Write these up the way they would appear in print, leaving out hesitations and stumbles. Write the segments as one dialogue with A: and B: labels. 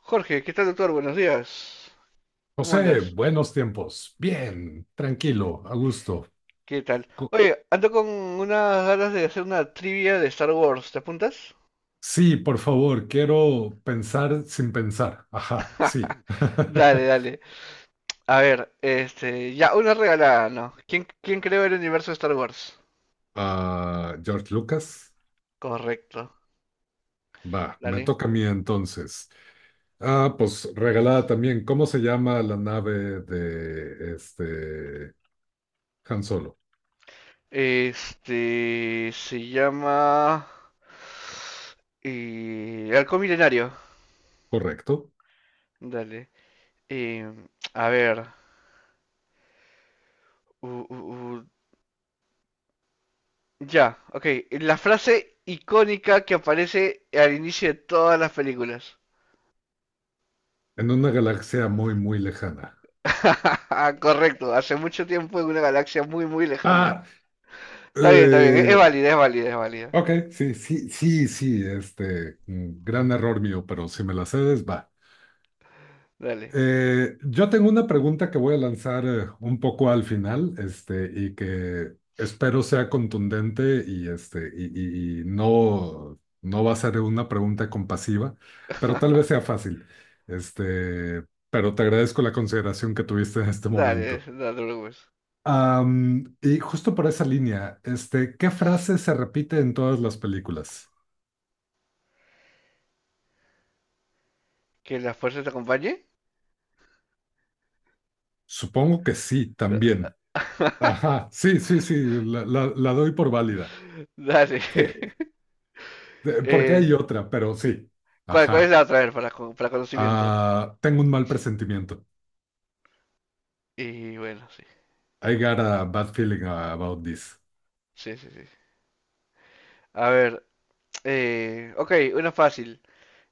A: Jorge, ¿qué tal, doctor? Buenos días. ¿Cómo
B: José,
A: andas?
B: buenos tiempos. Bien, tranquilo, a gusto.
A: ¿Qué tal?
B: Co-
A: Oye, ando con unas ganas de hacer una trivia de Star Wars. ¿Te apuntas?
B: Sí, por favor, quiero pensar sin pensar. Ajá, sí.
A: Dale, dale. A ver, este, ya, una regalada, ¿no? ¿Quién creó el universo de Star Wars?
B: George Lucas.
A: Correcto,
B: Va, me
A: dale.
B: toca a mí entonces. Ah, pues regalada también. ¿Cómo se llama la nave de Han Solo?
A: Este, se llama Halcón Milenario.
B: Correcto.
A: Dale. Em, a ver. Ya, ok. La frase icónica que aparece al inicio de todas las películas.
B: En una galaxia muy, muy lejana.
A: Correcto, hace mucho tiempo en una galaxia muy, muy lejana.
B: Ah,
A: Está bien, está bien. Es
B: eh,
A: válida, es válida, es válida.
B: ok, sí, sí, sí, sí, gran error mío, pero si me la cedes, va.
A: Dale,
B: Yo tengo una pregunta que voy a lanzar un poco al final, y que espero sea contundente y, no, no va a ser una pregunta compasiva, pero tal vez sea fácil. Este, pero te agradezco la consideración que tuviste en este
A: dale,
B: momento.
A: no te preocupes.
B: Y justo por esa línea, ¿qué frase se repite en todas las películas?
A: ¿Que la fuerza te acompañe?
B: Supongo que sí, también. Ajá, sí, sí, sí, la doy por válida.
A: Dale.
B: Sí. Porque
A: Eh,
B: hay otra, pero sí.
A: cuál es
B: Ajá.
A: la otra? A ver, para, para conocimiento.
B: Ah, tengo un mal presentimiento.
A: Y bueno, sí.
B: I got a bad feeling about this.
A: Sí, sí, sí. A ver, ok, una fácil.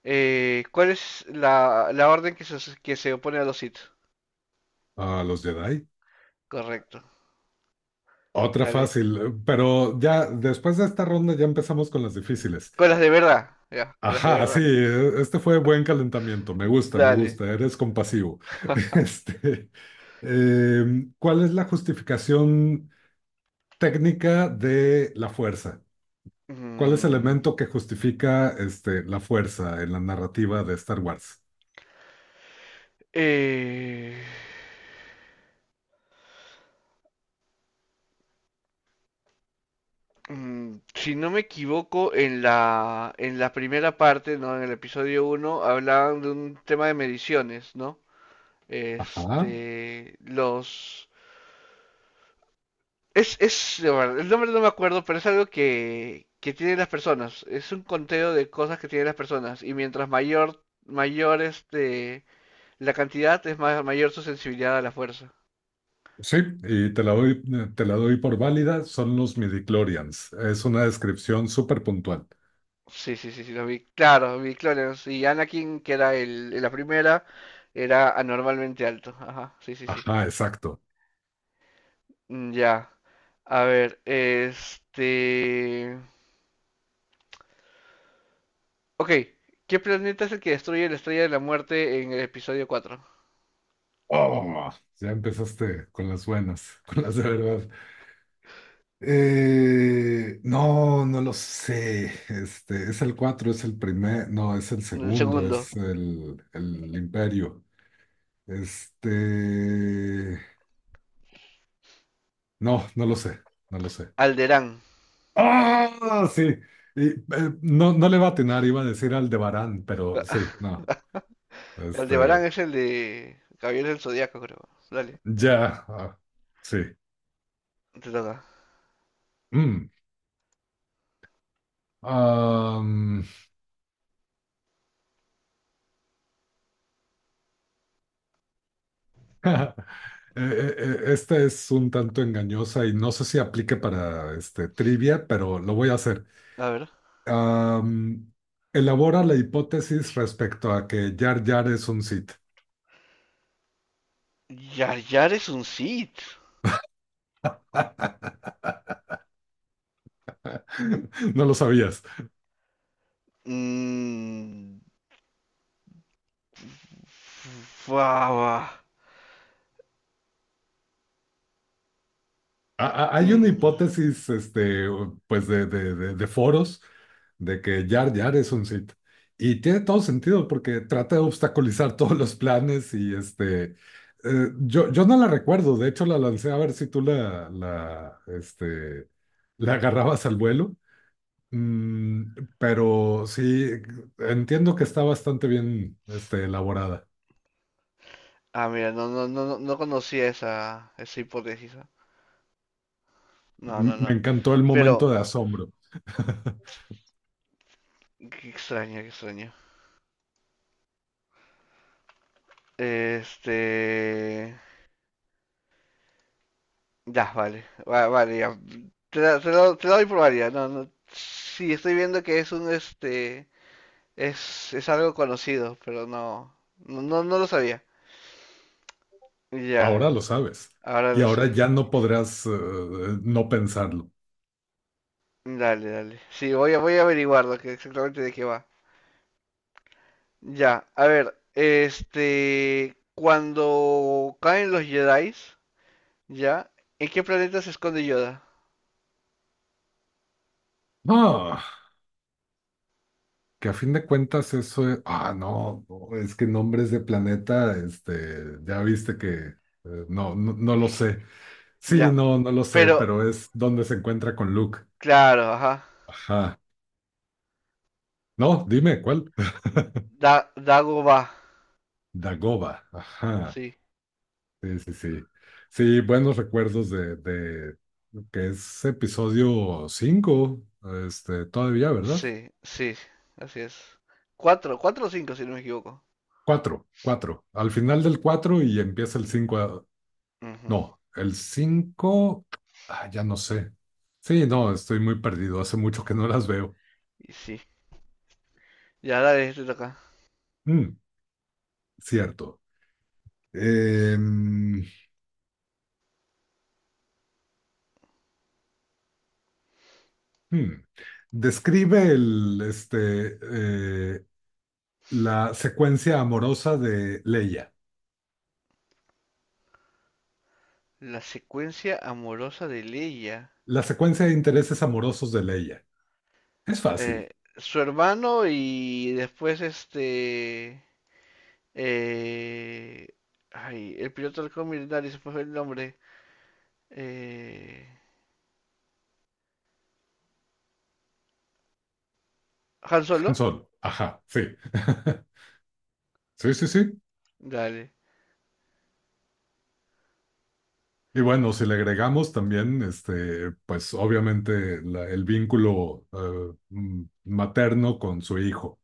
A: ¿Cuál es la orden que se opone a los Sith?
B: Ah, los Jedi.
A: Correcto.
B: Otra
A: Dale.
B: fácil, pero ya después de esta ronda ya empezamos con las difíciles.
A: Con las de verdad. Ya, con las de
B: Ajá, sí,
A: verdad.
B: este fue buen calentamiento. Me gusta, me
A: Dale.
B: gusta. Eres compasivo. Este, ¿cuál es la justificación técnica de la fuerza? ¿Cuál es el
A: Mm,
B: elemento que justifica la fuerza en la narrativa de Star Wars?
A: eh, si no me equivoco, en la primera parte, ¿no? En el episodio uno, hablaban de un tema de mediciones, ¿no?
B: Ajá.
A: Este. Es, bueno, el nombre no me acuerdo, pero es algo que tienen las personas. Es un conteo de cosas que tienen las personas. Y mientras mayor este, la cantidad, es más, mayor su sensibilidad a la fuerza.
B: Sí, y te la doy, te la doy por válida, son los midichlorians. Es una descripción súper puntual.
A: Sí, sí, sí, sí, los vi. Claro, vi clones. Y Anakin, que era en la primera, era anormalmente alto. Ajá, sí, sí, sí.
B: Ajá, exacto.
A: Mm, ya. A ver, este, ok. ¿Qué planeta es el que destruye la Estrella de la Muerte en el episodio cuatro?
B: Oh, ya empezaste con las buenas, con las de verdad. No, no lo sé. Es el 4, no, es el
A: El
B: segundo,
A: segundo.
B: es el imperio. Este, no, no lo sé, no lo sé.
A: Alderaan.
B: Ah, sí. Y, eh, no, no le va a atinar, iba a decir Aldebarán, pero sí, no. Este,
A: Aldebarán es el de Gabriel del Zodíaco, creo. Dale,
B: ya, ah, sí.
A: te toca.
B: Mm. Am, eh, esta es un tanto engañosa y no sé si aplique para trivia, pero lo voy a hacer.
A: A ver.
B: Am, Elabora la hipótesis respecto a que Jar Jar es un Sith.
A: Yar Yar es un Sith.
B: No lo sabías.
A: Mm. Fua.
B: Hay una
A: Mm.
B: hipótesis, pues de foros, de que Jar Jar es un Sith. Y tiene todo sentido porque trata de obstaculizar todos los planes y yo, yo no la recuerdo. De hecho la lancé a ver si tú la agarrabas al vuelo. Mm, pero sí, entiendo que está bastante bien, elaborada.
A: Ah, mira, no, no, no, no conocía esa hipótesis. ¿Ah? No, no,
B: Me
A: no.
B: encantó el momento
A: Pero,
B: de asombro.
A: qué extraño, qué extraño. Este. Ya, vale. Vale, ya. Te la doy por válida. No, no. Sí, estoy viendo que es un este. Es algo conocido, pero no, no, no, no lo sabía. Ya,
B: Ahora lo sabes.
A: ah, ahora
B: Y
A: lo
B: ahora
A: sé.
B: ya no podrás no pensarlo.
A: Dale, dale. Sí, voy a averiguar lo que exactamente de qué va. Ya, a ver, este, cuando caen los Jedi, ya, ¿en qué planeta se esconde Yoda?
B: Ah, que a fin de cuentas eso es... Ah, no, no, es que nombres de planeta, ya viste que... no, no, no lo sé. Sí,
A: Ya,
B: no, no lo sé,
A: pero,
B: pero es donde se encuentra con Luke.
A: claro, ajá.
B: Ajá. No, dime, ¿cuál?
A: Dagobah,
B: Dagoba. Ajá.
A: sí,
B: Sí, sí, sí. Sí, buenos recuerdos de que es episodio 5 todavía, ¿verdad?
A: sí, sí, así es. Cuatro, cuatro o cinco, si no me equivoco.
B: Cuatro, cuatro. Al final del cuatro y empieza el cinco.
A: Ujú,
B: No, el cinco. Ah, ya no sé. Sí, no, estoy muy perdido. Hace mucho que no las veo.
A: y sí, ya, dale, te toca.
B: Mm, cierto. Em, hmm. Describe el, eh, la secuencia amorosa de Leia.
A: La secuencia amorosa de Leia.
B: La secuencia de intereses amorosos de Leia. Es fácil.
A: eh, Su hermano y después este... eh, ay, el piloto del Millonario, se me fue el nombre. Eh, Han
B: Han
A: Solo.
B: Solo. Ajá, sí. Sí, sí, sí.
A: Dale.
B: Y bueno, si le agregamos también, pues obviamente el vínculo materno con su hijo.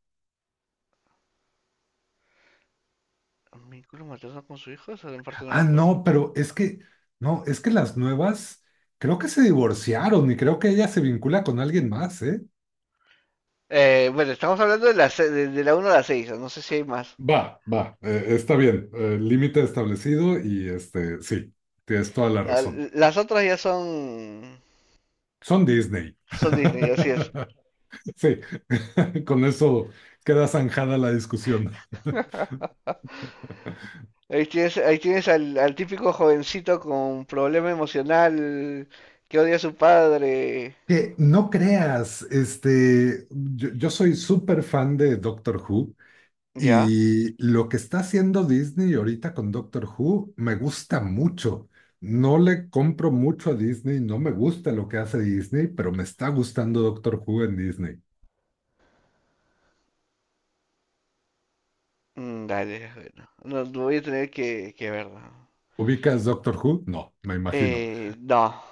A: ¿Vínculo materno con su hijo? Esa parte no me
B: Ah,
A: acuerdo.
B: no, es que las nuevas creo que se divorciaron y creo que ella se vincula con alguien más, ¿eh?
A: Bueno, estamos hablando de la uno a la 6, no sé si hay más.
B: Está bien, límite establecido y sí, tienes toda la
A: La-
B: razón.
A: las otras ya son,
B: Son Disney.
A: son Disney, así es.
B: Sí, con eso queda zanjada la discusión.
A: Ahí tienes al típico jovencito con problema emocional que odia a su padre.
B: Que no creas, yo, yo soy súper fan de Doctor Who
A: ¿Ya?
B: y lo que está haciendo Disney ahorita con Doctor Who me gusta mucho. No le compro mucho a Disney, no me gusta lo que hace Disney, pero me está gustando Doctor Who en Disney.
A: Dale, bueno. No, no voy a tener que verlo.
B: ¿Ubicas Doctor Who? No, me imagino.
A: No.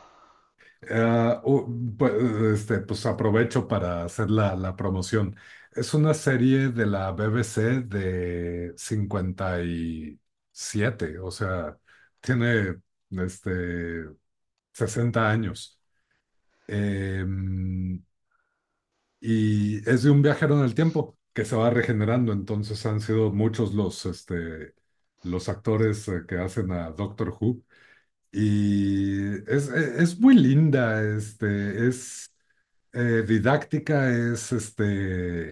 B: Ah, u- pues, pues aprovecho para hacer la promoción. Es una serie de la BBC de 57, o sea, tiene este, 60 años. Em, y es de un viajero en el tiempo que se va regenerando. Entonces han sido muchos los actores que hacen a Doctor Who. Y es muy linda, es didáctica, es este,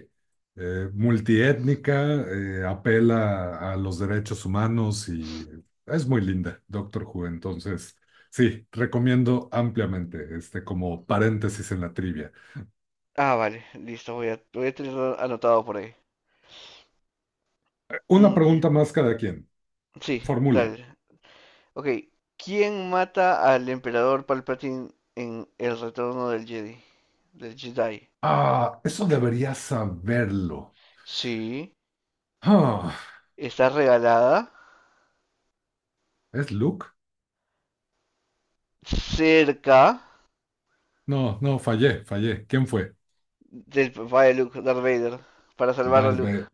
B: eh, multiétnica, apela a los derechos humanos y es muy linda, Doctor Who. Entonces, sí, recomiendo ampliamente, como paréntesis en la trivia.
A: Ah, vale, listo, voy a tenerlo anotado por ahí.
B: Una
A: Mm, ya.
B: pregunta más cada quien.
A: Sí,
B: Formula.
A: dale. Ok, ¿quién mata al emperador Palpatine en El Retorno del Jedi? Del Jedi.
B: Ah, eso debería saberlo.
A: Sí,
B: Ah,
A: está regalada,
B: ¿es Luke?
A: cerca,
B: No, no, fallé, fallé. ¿Quién fue?
A: del papá de Luke, Darth Vader, para salvar a
B: Darth
A: Luke.
B: Vader.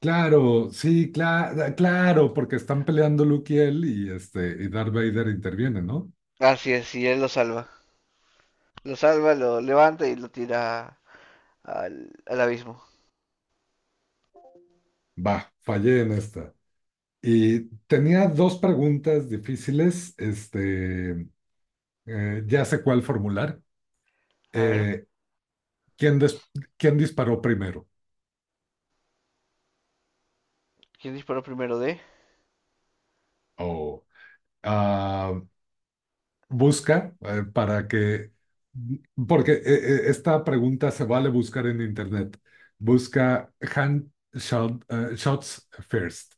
B: Claro, sí, claro, claro, porque están peleando Luke y él y Darth Vader interviene, ¿no?
A: Así es, y él lo salva. Lo salva, lo levanta y lo tira al abismo.
B: Va, fallé en esta. Y tenía dos preguntas difíciles, ya sé cuál formular.
A: A ver,
B: Eh, ¿quién, des- ¿Quién disparó primero?
A: ¿quién disparó primero de?
B: O ah, Busca para que, porque esta pregunta se vale buscar en internet. Busca shots first.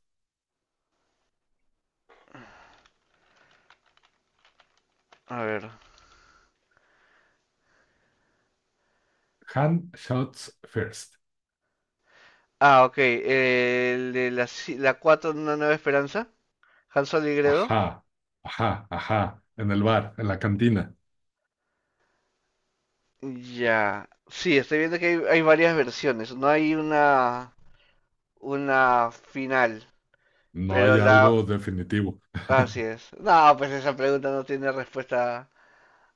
A: A ver.
B: Hand shots first.
A: Ah, ok, el de la, si, la 4 de una nueva esperanza, Han Solo y Gredo.
B: Ajá, ajá, ajá. En el bar, en la cantina.
A: Ya. Sí, estoy viendo que hay varias versiones. No hay una final,
B: No
A: pero
B: hay
A: la...
B: algo definitivo.
A: Así es. No, pues esa pregunta no tiene respuesta,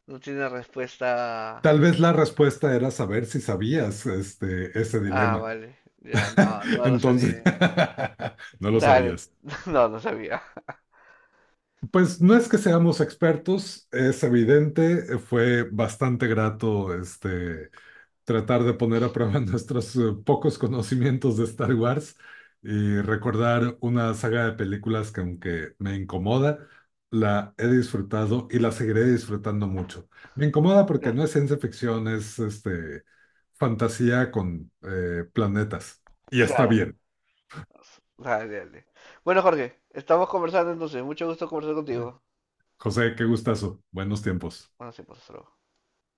A: no tiene respuesta.
B: Tal vez la respuesta era saber si sabías ese
A: Ah,
B: dilema.
A: vale. Ya, no, no lo no
B: Entonces,
A: sabía.
B: no lo
A: Dale,
B: sabías.
A: no, no sabía.
B: Pues no es que seamos expertos, es evidente. Fue bastante grato tratar de poner a prueba nuestros pocos conocimientos de Star Wars y recordar una saga de películas que aunque me incomoda, la he disfrutado y la seguiré disfrutando mucho. Me incomoda porque
A: Claro.
B: no es ciencia ficción, es fantasía con planetas. Y está
A: Clara.
B: bien.
A: Dale, dale. Bueno, Jorge, estamos conversando entonces. Mucho gusto conversar contigo.
B: José, qué gustazo. Buenos tiempos.
A: Bueno, sí, pues, hasta luego.